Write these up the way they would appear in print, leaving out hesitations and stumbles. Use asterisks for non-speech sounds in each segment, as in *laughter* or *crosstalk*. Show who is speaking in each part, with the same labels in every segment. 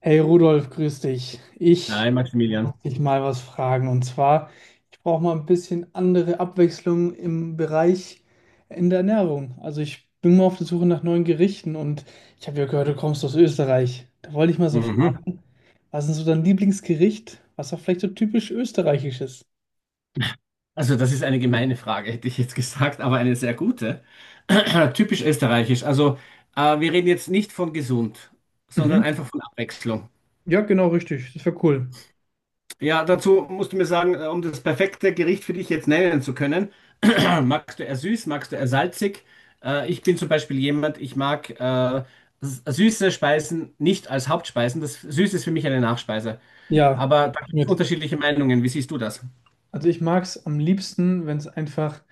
Speaker 1: Hey Rudolf, grüß dich. Ich
Speaker 2: Hi Maximilian.
Speaker 1: muss dich mal was fragen. Und zwar, ich brauche mal ein bisschen andere Abwechslung im Bereich in der Ernährung. Also ich bin mal auf der Suche nach neuen Gerichten, und ich habe ja gehört, du kommst aus Österreich. Da wollte ich mal so
Speaker 2: Mhm.
Speaker 1: fragen, was ist so dein Lieblingsgericht, was auch vielleicht so typisch österreichisch ist?
Speaker 2: Also das ist eine gemeine Frage, hätte ich jetzt gesagt, aber eine sehr gute. *clears throat* Typisch österreichisch. Also wir reden jetzt nicht von gesund, sondern
Speaker 1: Mhm.
Speaker 2: einfach von Abwechslung.
Speaker 1: Ja, genau, richtig. Das wäre cool.
Speaker 2: Ja, dazu musst du mir sagen, um das perfekte Gericht für dich jetzt nennen zu können, *clears throat* magst du eher süß, magst du eher salzig? Ich bin zum Beispiel jemand, ich mag süße Speisen nicht als Hauptspeisen. Das Süße ist für mich eine Nachspeise.
Speaker 1: Ja,
Speaker 2: Aber da gibt es
Speaker 1: mit.
Speaker 2: unterschiedliche Meinungen. Wie siehst du das?
Speaker 1: Also ich mag es am liebsten, wenn es einfach,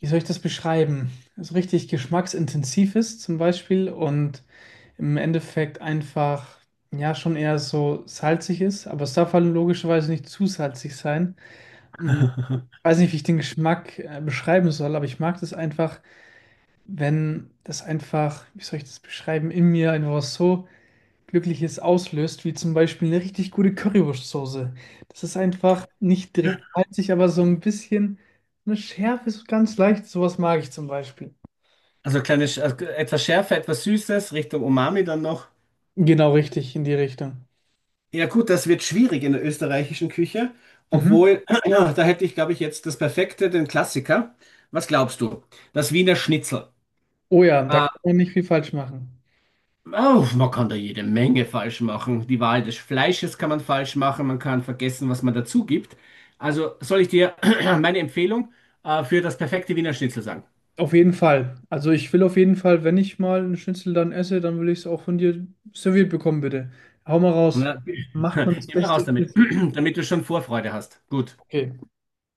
Speaker 1: wie soll ich das beschreiben, so richtig geschmacksintensiv ist zum Beispiel und im Endeffekt einfach, ja, schon eher so salzig ist, aber es darf halt logischerweise nicht zu salzig sein. Hm, weiß nicht, wie ich den Geschmack beschreiben soll, aber ich mag das einfach, wenn das einfach, wie soll ich das beschreiben, in mir einfach was so Glückliches auslöst, wie zum Beispiel eine richtig gute Currywurstsoße. Das ist einfach nicht direkt salzig, aber so ein bisschen so eine Schärfe, so ganz leicht. Sowas mag ich zum Beispiel.
Speaker 2: Also kleine, also etwas Schärfe, etwas Süßes, Richtung Umami dann noch.
Speaker 1: Genau richtig, in die Richtung.
Speaker 2: Ja gut, das wird schwierig in der österreichischen Küche,
Speaker 1: Mhm.
Speaker 2: obwohl, *clears throat* ja, da hätte ich, glaube ich, jetzt das Perfekte, den Klassiker. Was glaubst du? Das Wiener Schnitzel.
Speaker 1: Oh ja, da
Speaker 2: Äh,
Speaker 1: kann man nicht viel falsch machen.
Speaker 2: oh, man kann da jede Menge falsch machen. Die Wahl des Fleisches kann man falsch machen, man kann vergessen, was man dazu gibt. Also soll ich dir *clears throat* meine Empfehlung für das perfekte Wiener Schnitzel sagen?
Speaker 1: Auf jeden Fall. Also ich will auf jeden Fall, wenn ich mal einen Schnitzel dann esse, dann will ich es auch von dir serviert bekommen, bitte. Hau mal raus.
Speaker 2: Na,
Speaker 1: Macht man
Speaker 2: *laughs*
Speaker 1: das
Speaker 2: immer raus
Speaker 1: beste
Speaker 2: damit,
Speaker 1: Schnitzel?
Speaker 2: *clears throat* damit du schon Vorfreude hast. Gut.
Speaker 1: Okay.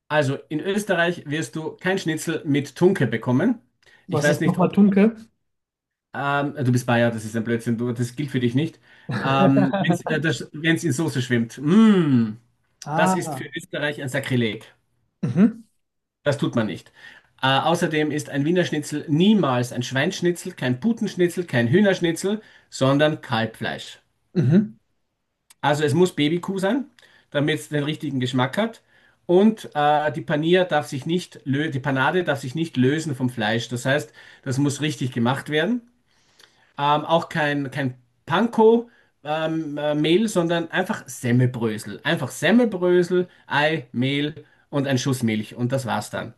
Speaker 2: Also in Österreich wirst du kein Schnitzel mit Tunke bekommen. Ich
Speaker 1: Was
Speaker 2: weiß
Speaker 1: ist
Speaker 2: nicht,
Speaker 1: nochmal
Speaker 2: ob
Speaker 1: Tunke?
Speaker 2: du bist Bayer, das ist ein Blödsinn, du, das gilt für dich nicht. Wenn es
Speaker 1: *laughs*
Speaker 2: wenn's in Soße schwimmt, das ist für
Speaker 1: Ah.
Speaker 2: Österreich ein Sakrileg.
Speaker 1: Mhm.
Speaker 2: Das tut man nicht. Außerdem ist ein Wiener Schnitzel niemals ein Schweinschnitzel, kein Putenschnitzel, kein Hühnerschnitzel, sondern Kalbfleisch.
Speaker 1: Mhm.
Speaker 2: Also es muss Babykuh sein, damit es den richtigen Geschmack hat. Und die Panier darf sich nicht lö die Panade darf sich nicht lösen vom Fleisch. Das heißt, das muss richtig gemacht werden. Auch kein Panko, Mehl, sondern einfach Semmelbrösel. Einfach Semmelbrösel, Ei, Mehl und ein Schuss Milch. Und das war's dann.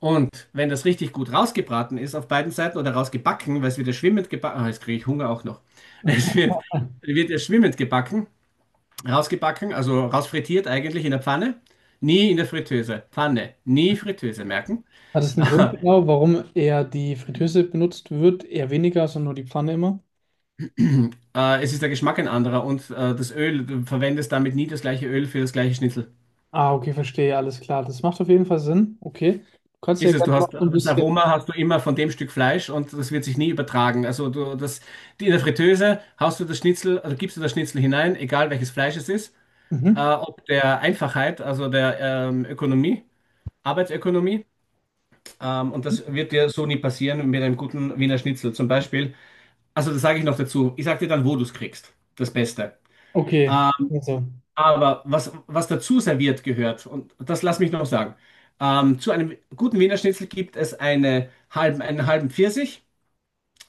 Speaker 2: Und wenn das richtig gut rausgebraten ist auf beiden Seiten oder rausgebacken, weil es wird ja schwimmend gebacken, ah, jetzt kriege ich Hunger auch noch. *laughs* Es
Speaker 1: *laughs*
Speaker 2: wird, wird ja schwimmend gebacken. Rausgebacken, also rausfrittiert eigentlich in der Pfanne. Nie in der Fritteuse. Pfanne, nie Fritteuse, merken.
Speaker 1: Hat es
Speaker 2: *laughs*
Speaker 1: einen Grund genau, warum eher die Fritteuse benutzt wird? Eher weniger, sondern nur die Pfanne immer?
Speaker 2: Es ist der Geschmack ein anderer und das Öl, du verwendest damit nie das gleiche Öl für das gleiche Schnitzel.
Speaker 1: Ah, okay, verstehe, alles klar. Das macht auf jeden Fall Sinn. Okay. Du kannst ja
Speaker 2: Ist es,
Speaker 1: gerne
Speaker 2: du hast
Speaker 1: noch so ein
Speaker 2: das
Speaker 1: bisschen.
Speaker 2: Aroma hast du immer von dem Stück Fleisch und das wird sich nie übertragen. Also in der Fritteuse hast du das Schnitzel, also gibst du das Schnitzel hinein, egal welches Fleisch es ist,
Speaker 1: Mhm.
Speaker 2: ob der Einfachheit, also der Ökonomie, Arbeitsökonomie, und das wird dir so nie passieren mit einem guten Wiener Schnitzel. Zum Beispiel. Also, das sage ich noch dazu. Ich sage dir dann, wo du es kriegst. Das Beste.
Speaker 1: Okay,
Speaker 2: Ähm,
Speaker 1: also
Speaker 2: aber was dazu serviert gehört, und das lass mich noch sagen, zu einem guten Wiener Schnitzel gibt es einen halben Pfirsich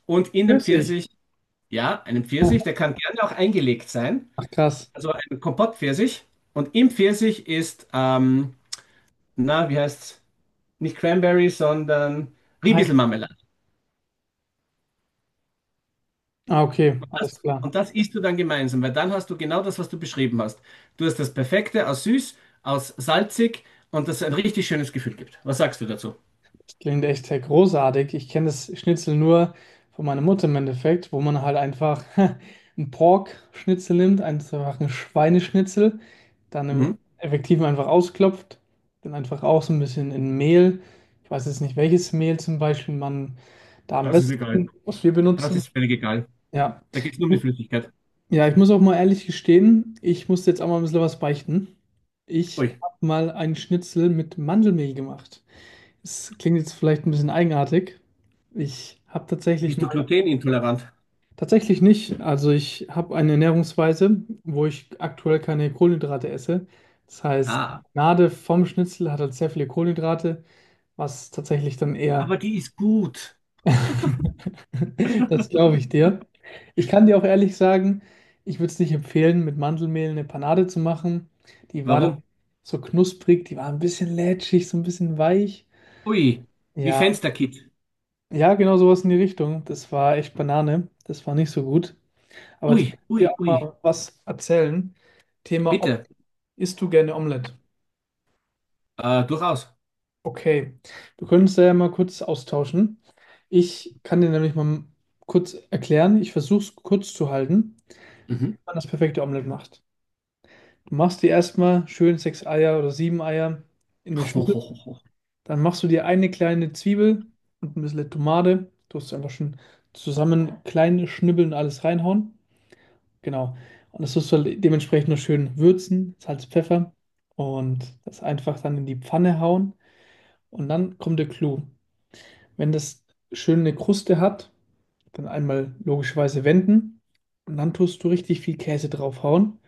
Speaker 2: und in dem
Speaker 1: Pfirsich.
Speaker 2: Pfirsich, ja, einen Pfirsich, der kann gerne auch eingelegt sein,
Speaker 1: Ach krass.
Speaker 2: also ein Kompottpfirsich. Und im Pfirsich ist, na, wie heißt's? Nicht Cranberry, sondern
Speaker 1: Hi.
Speaker 2: Ribiesel.
Speaker 1: Ah, okay, alles
Speaker 2: Das,
Speaker 1: klar.
Speaker 2: und das isst du dann gemeinsam, weil dann hast du genau das, was du beschrieben hast. Du hast das Perfekte aus süß, aus salzig und das ein richtig schönes Gefühl gibt. Was sagst du dazu?
Speaker 1: Das klingt echt sehr großartig. Ich kenne das Schnitzel nur von meiner Mutter im Endeffekt, wo man halt einfach *laughs* einen Pork-Schnitzel nimmt, einfach einen Schweineschnitzel, dann im
Speaker 2: Mhm.
Speaker 1: effektiven einfach ausklopft, dann einfach auch so ein bisschen in Mehl. Ich weiß jetzt nicht, welches Mehl zum Beispiel man da am
Speaker 2: Das ist egal.
Speaker 1: besten, was wir
Speaker 2: Das
Speaker 1: benutzen.
Speaker 2: ist völlig egal.
Speaker 1: Ja.
Speaker 2: Da geht es nur um die Flüssigkeit.
Speaker 1: Ja, ich muss auch mal ehrlich gestehen, ich musste jetzt auch mal ein bisschen was beichten. Ich
Speaker 2: Ui,
Speaker 1: habe mal einen Schnitzel mit Mandelmehl gemacht. Es klingt jetzt vielleicht ein bisschen eigenartig. Ich habe tatsächlich
Speaker 2: bist du
Speaker 1: mal,
Speaker 2: glutenintolerant?
Speaker 1: tatsächlich nicht. Also ich habe eine Ernährungsweise, wo ich aktuell keine Kohlenhydrate esse. Das heißt, die
Speaker 2: Ah,
Speaker 1: Gnade vom Schnitzel hat halt sehr viele Kohlenhydrate, was tatsächlich dann eher.
Speaker 2: aber die ist gut.
Speaker 1: *laughs* Das glaube ich dir. Ich kann dir auch ehrlich sagen, ich würde es nicht empfehlen, mit Mandelmehl eine Panade zu machen. Die war Mhm.
Speaker 2: Warum?
Speaker 1: dann so knusprig, die war ein bisschen lätschig, so ein bisschen weich.
Speaker 2: Ui, wie
Speaker 1: Ja,
Speaker 2: Fensterkit.
Speaker 1: ja, genau sowas in die Richtung. Das war echt Banane. Das war nicht so gut. Aber jetzt
Speaker 2: Ui,
Speaker 1: muss ich dir
Speaker 2: ui,
Speaker 1: auch
Speaker 2: ui.
Speaker 1: mal was erzählen. Thema,
Speaker 2: Bitte,
Speaker 1: isst du gerne Omelette?
Speaker 2: durchaus.
Speaker 1: Okay, wir können uns da ja mal kurz austauschen. Ich kann dir nämlich mal kurz erklären. Ich versuche es kurz zu halten.
Speaker 2: Mhm.
Speaker 1: Man das perfekte Omelett macht. Du machst dir erstmal schön sechs Eier oder sieben Eier in eine
Speaker 2: *laughs* Oh,
Speaker 1: Schüssel.
Speaker 2: oh, oh, oh.
Speaker 1: Dann machst du dir eine kleine Zwiebel und ein bisschen Tomate. Tust du einfach schön zusammen klein schnibbeln und alles reinhauen. Genau. Und das tust du halt dementsprechend noch schön würzen, Salz, Pfeffer, und das einfach dann in die Pfanne hauen. Und dann kommt der Clou. Wenn das schön eine Kruste hat, dann einmal logischerweise wenden und dann tust du richtig viel Käse draufhauen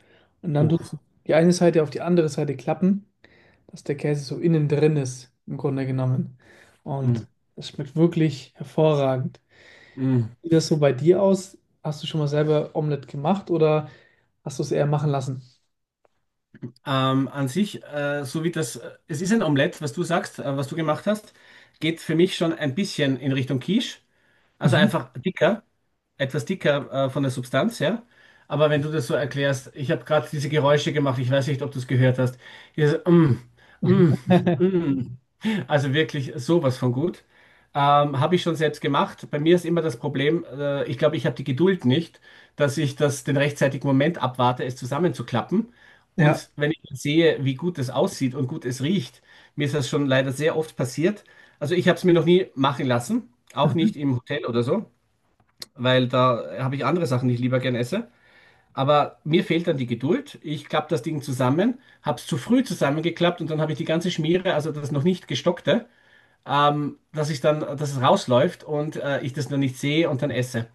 Speaker 1: und dann tust du
Speaker 2: Oh.
Speaker 1: die eine Seite auf die andere Seite klappen, dass der Käse so innen drin ist, im Grunde genommen.
Speaker 2: Mm,
Speaker 1: Und das schmeckt wirklich hervorragend.
Speaker 2: mm.
Speaker 1: Sieht das so bei dir aus? Hast du schon mal selber Omelette gemacht, oder hast du es eher machen lassen?
Speaker 2: An sich, es ist ein Omelett, was du sagst, was du gemacht hast, geht für mich schon ein bisschen in Richtung Quiche. Also
Speaker 1: Mhm.
Speaker 2: einfach dicker, etwas dicker, von der Substanz, ja. Aber wenn du das so erklärst, ich habe gerade diese Geräusche gemacht, ich weiß nicht, ob du es gehört hast. Dieses, mm, mm, *laughs*
Speaker 1: *laughs*
Speaker 2: mm. Also wirklich sowas von gut. Habe ich schon selbst gemacht. Bei mir ist immer das Problem, ich glaube, ich habe die Geduld nicht, dass ich das den rechtzeitigen Moment abwarte, es zusammenzuklappen.
Speaker 1: Ja.
Speaker 2: Und wenn ich sehe, wie gut es aussieht und gut es riecht, mir ist das schon leider sehr oft passiert. Also ich habe es mir noch nie machen lassen, auch
Speaker 1: Mhm.
Speaker 2: nicht im Hotel oder so, weil da habe ich andere Sachen, die ich lieber gern esse. Aber mir fehlt dann die Geduld. Ich klappe das Ding zusammen, habe es zu früh zusammengeklappt und dann habe ich die ganze Schmiere, also das noch nicht gestockte dass ich dass es rausläuft und ich das noch nicht sehe und dann esse.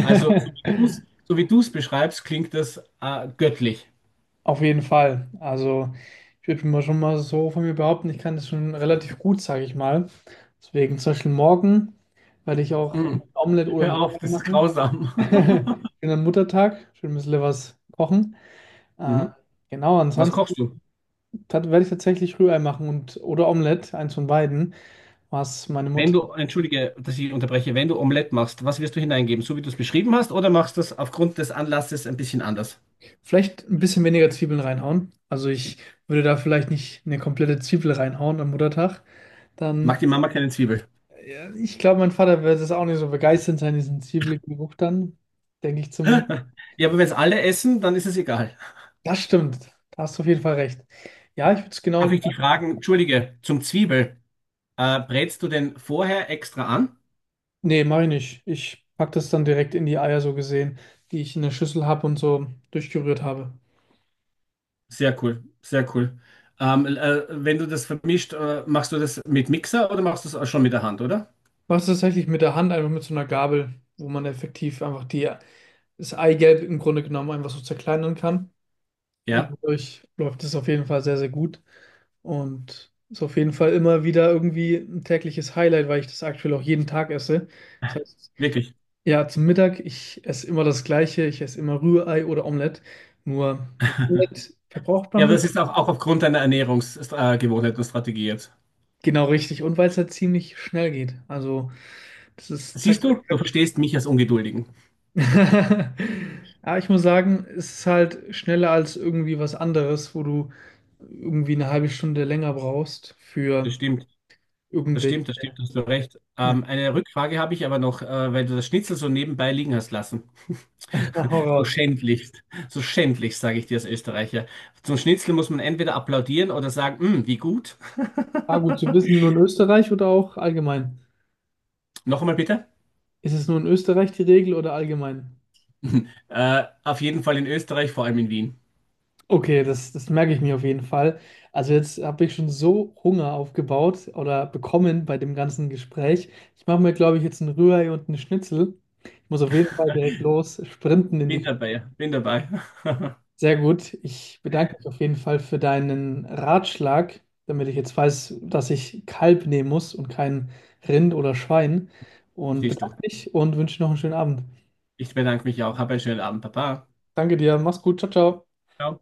Speaker 2: Also, so wie du es beschreibst, klingt das göttlich.
Speaker 1: Auf jeden Fall. Also ich würde mal schon mal so von mir behaupten, ich kann das schon relativ gut, sage ich mal. Deswegen zum Beispiel morgen werde ich auch ein
Speaker 2: Mhm.
Speaker 1: Omelett oder ein
Speaker 2: Hör auf,
Speaker 1: Rührei
Speaker 2: das ist
Speaker 1: machen.
Speaker 2: grausam.
Speaker 1: *laughs*
Speaker 2: *laughs*
Speaker 1: Schönen Muttertag, schön ein bisschen was kochen. Äh,
Speaker 2: Mhm.
Speaker 1: genau,
Speaker 2: Was
Speaker 1: ansonsten
Speaker 2: kochst du?
Speaker 1: werde ich tatsächlich Rührei machen und oder Omelett, eins von beiden, was meine
Speaker 2: Wenn
Speaker 1: Mutter
Speaker 2: du, entschuldige, dass ich unterbreche, wenn du Omelette machst, was wirst du hineingeben? So wie du es beschrieben hast, oder machst du es aufgrund des Anlasses ein bisschen anders?
Speaker 1: vielleicht ein bisschen weniger Zwiebeln reinhauen. Also ich würde da vielleicht nicht eine komplette Zwiebel reinhauen am Muttertag.
Speaker 2: Mag
Speaker 1: Dann,
Speaker 2: die Mama keine Zwiebel?
Speaker 1: ja, ich glaube, mein Vater wird es auch nicht so begeistert sein, diesen zwiebeligen Geruch dann. Denke ich zumindest.
Speaker 2: *laughs* Ja, aber wenn es alle essen, dann ist es egal.
Speaker 1: Das stimmt. Da hast du auf jeden Fall recht. Ja, ich würde es genau
Speaker 2: Darf ich dich
Speaker 1: gleich
Speaker 2: fragen,
Speaker 1: machen.
Speaker 2: entschuldige, zum Zwiebel, brätst du den vorher extra an?
Speaker 1: Nee, mache ich nicht. Ich packe das dann direkt in die Eier, so gesehen, die ich in der Schüssel habe und so durchgerührt habe.
Speaker 2: Sehr cool, sehr cool. Wenn du das vermischt, machst du das mit Mixer oder machst du es schon mit der Hand, oder?
Speaker 1: Mach's tatsächlich mit der Hand, einfach mit so einer Gabel, wo man effektiv einfach das Eigelb im Grunde genommen einfach so zerkleinern kann. Und
Speaker 2: Ja,
Speaker 1: dadurch läuft es auf jeden Fall sehr, sehr gut. Und ist auf jeden Fall immer wieder irgendwie ein tägliches Highlight, weil ich das aktuell auch jeden Tag esse. Das heißt,
Speaker 2: wirklich.
Speaker 1: ja, zum Mittag, ich esse immer das Gleiche, ich esse immer Rührei oder Omelett. Nur Omelett verbraucht
Speaker 2: Ja, aber
Speaker 1: man.
Speaker 2: das ist auch aufgrund deiner Ernährungsgewohnheit Gewohnheit und Strategie jetzt.
Speaker 1: Genau richtig. Und weil es halt ziemlich schnell geht. Also, das ist
Speaker 2: Siehst
Speaker 1: zack,
Speaker 2: du, du verstehst mich als Ungeduldigen.
Speaker 1: zack. *laughs* Aber ich muss sagen, es ist halt schneller als irgendwie was anderes, wo du irgendwie eine halbe Stunde länger brauchst
Speaker 2: Das
Speaker 1: für
Speaker 2: stimmt,
Speaker 1: irgendwelche.
Speaker 2: das stimmt, hast du recht.
Speaker 1: *laughs*
Speaker 2: Eine Rückfrage habe ich aber noch, weil du das Schnitzel so nebenbei liegen hast lassen.
Speaker 1: Hau
Speaker 2: *laughs* So
Speaker 1: raus.
Speaker 2: schändlichst, so schändlichst, sage ich dir als Österreicher. Zum Schnitzel muss man entweder applaudieren oder sagen, "Mm, wie gut."
Speaker 1: Ah, gut zu
Speaker 2: *laughs*
Speaker 1: wissen, nur in Österreich oder auch allgemein?
Speaker 2: Noch einmal bitte.
Speaker 1: Ist es nur in Österreich die Regel oder allgemein?
Speaker 2: *laughs* Auf jeden Fall in Österreich, vor allem in Wien.
Speaker 1: Okay, das merke ich mir auf jeden Fall. Also jetzt habe ich schon so Hunger aufgebaut oder bekommen bei dem ganzen Gespräch. Ich mache mir, glaube ich, jetzt einen Rührei und einen Schnitzel. Ich muss auf jeden Fall direkt los sprinten in die
Speaker 2: Bin
Speaker 1: Küche.
Speaker 2: dabei, bin dabei. *laughs*
Speaker 1: Sehr gut. Ich bedanke mich auf jeden Fall für deinen Ratschlag, damit ich jetzt weiß, dass ich Kalb nehmen muss und kein Rind oder Schwein. Und
Speaker 2: Siehst
Speaker 1: bedanke
Speaker 2: du.
Speaker 1: mich und wünsche noch einen schönen Abend.
Speaker 2: Ich bedanke mich auch. Hab einen schönen Abend, Papa.
Speaker 1: Danke dir, mach's gut, ciao, ciao.
Speaker 2: Ciao.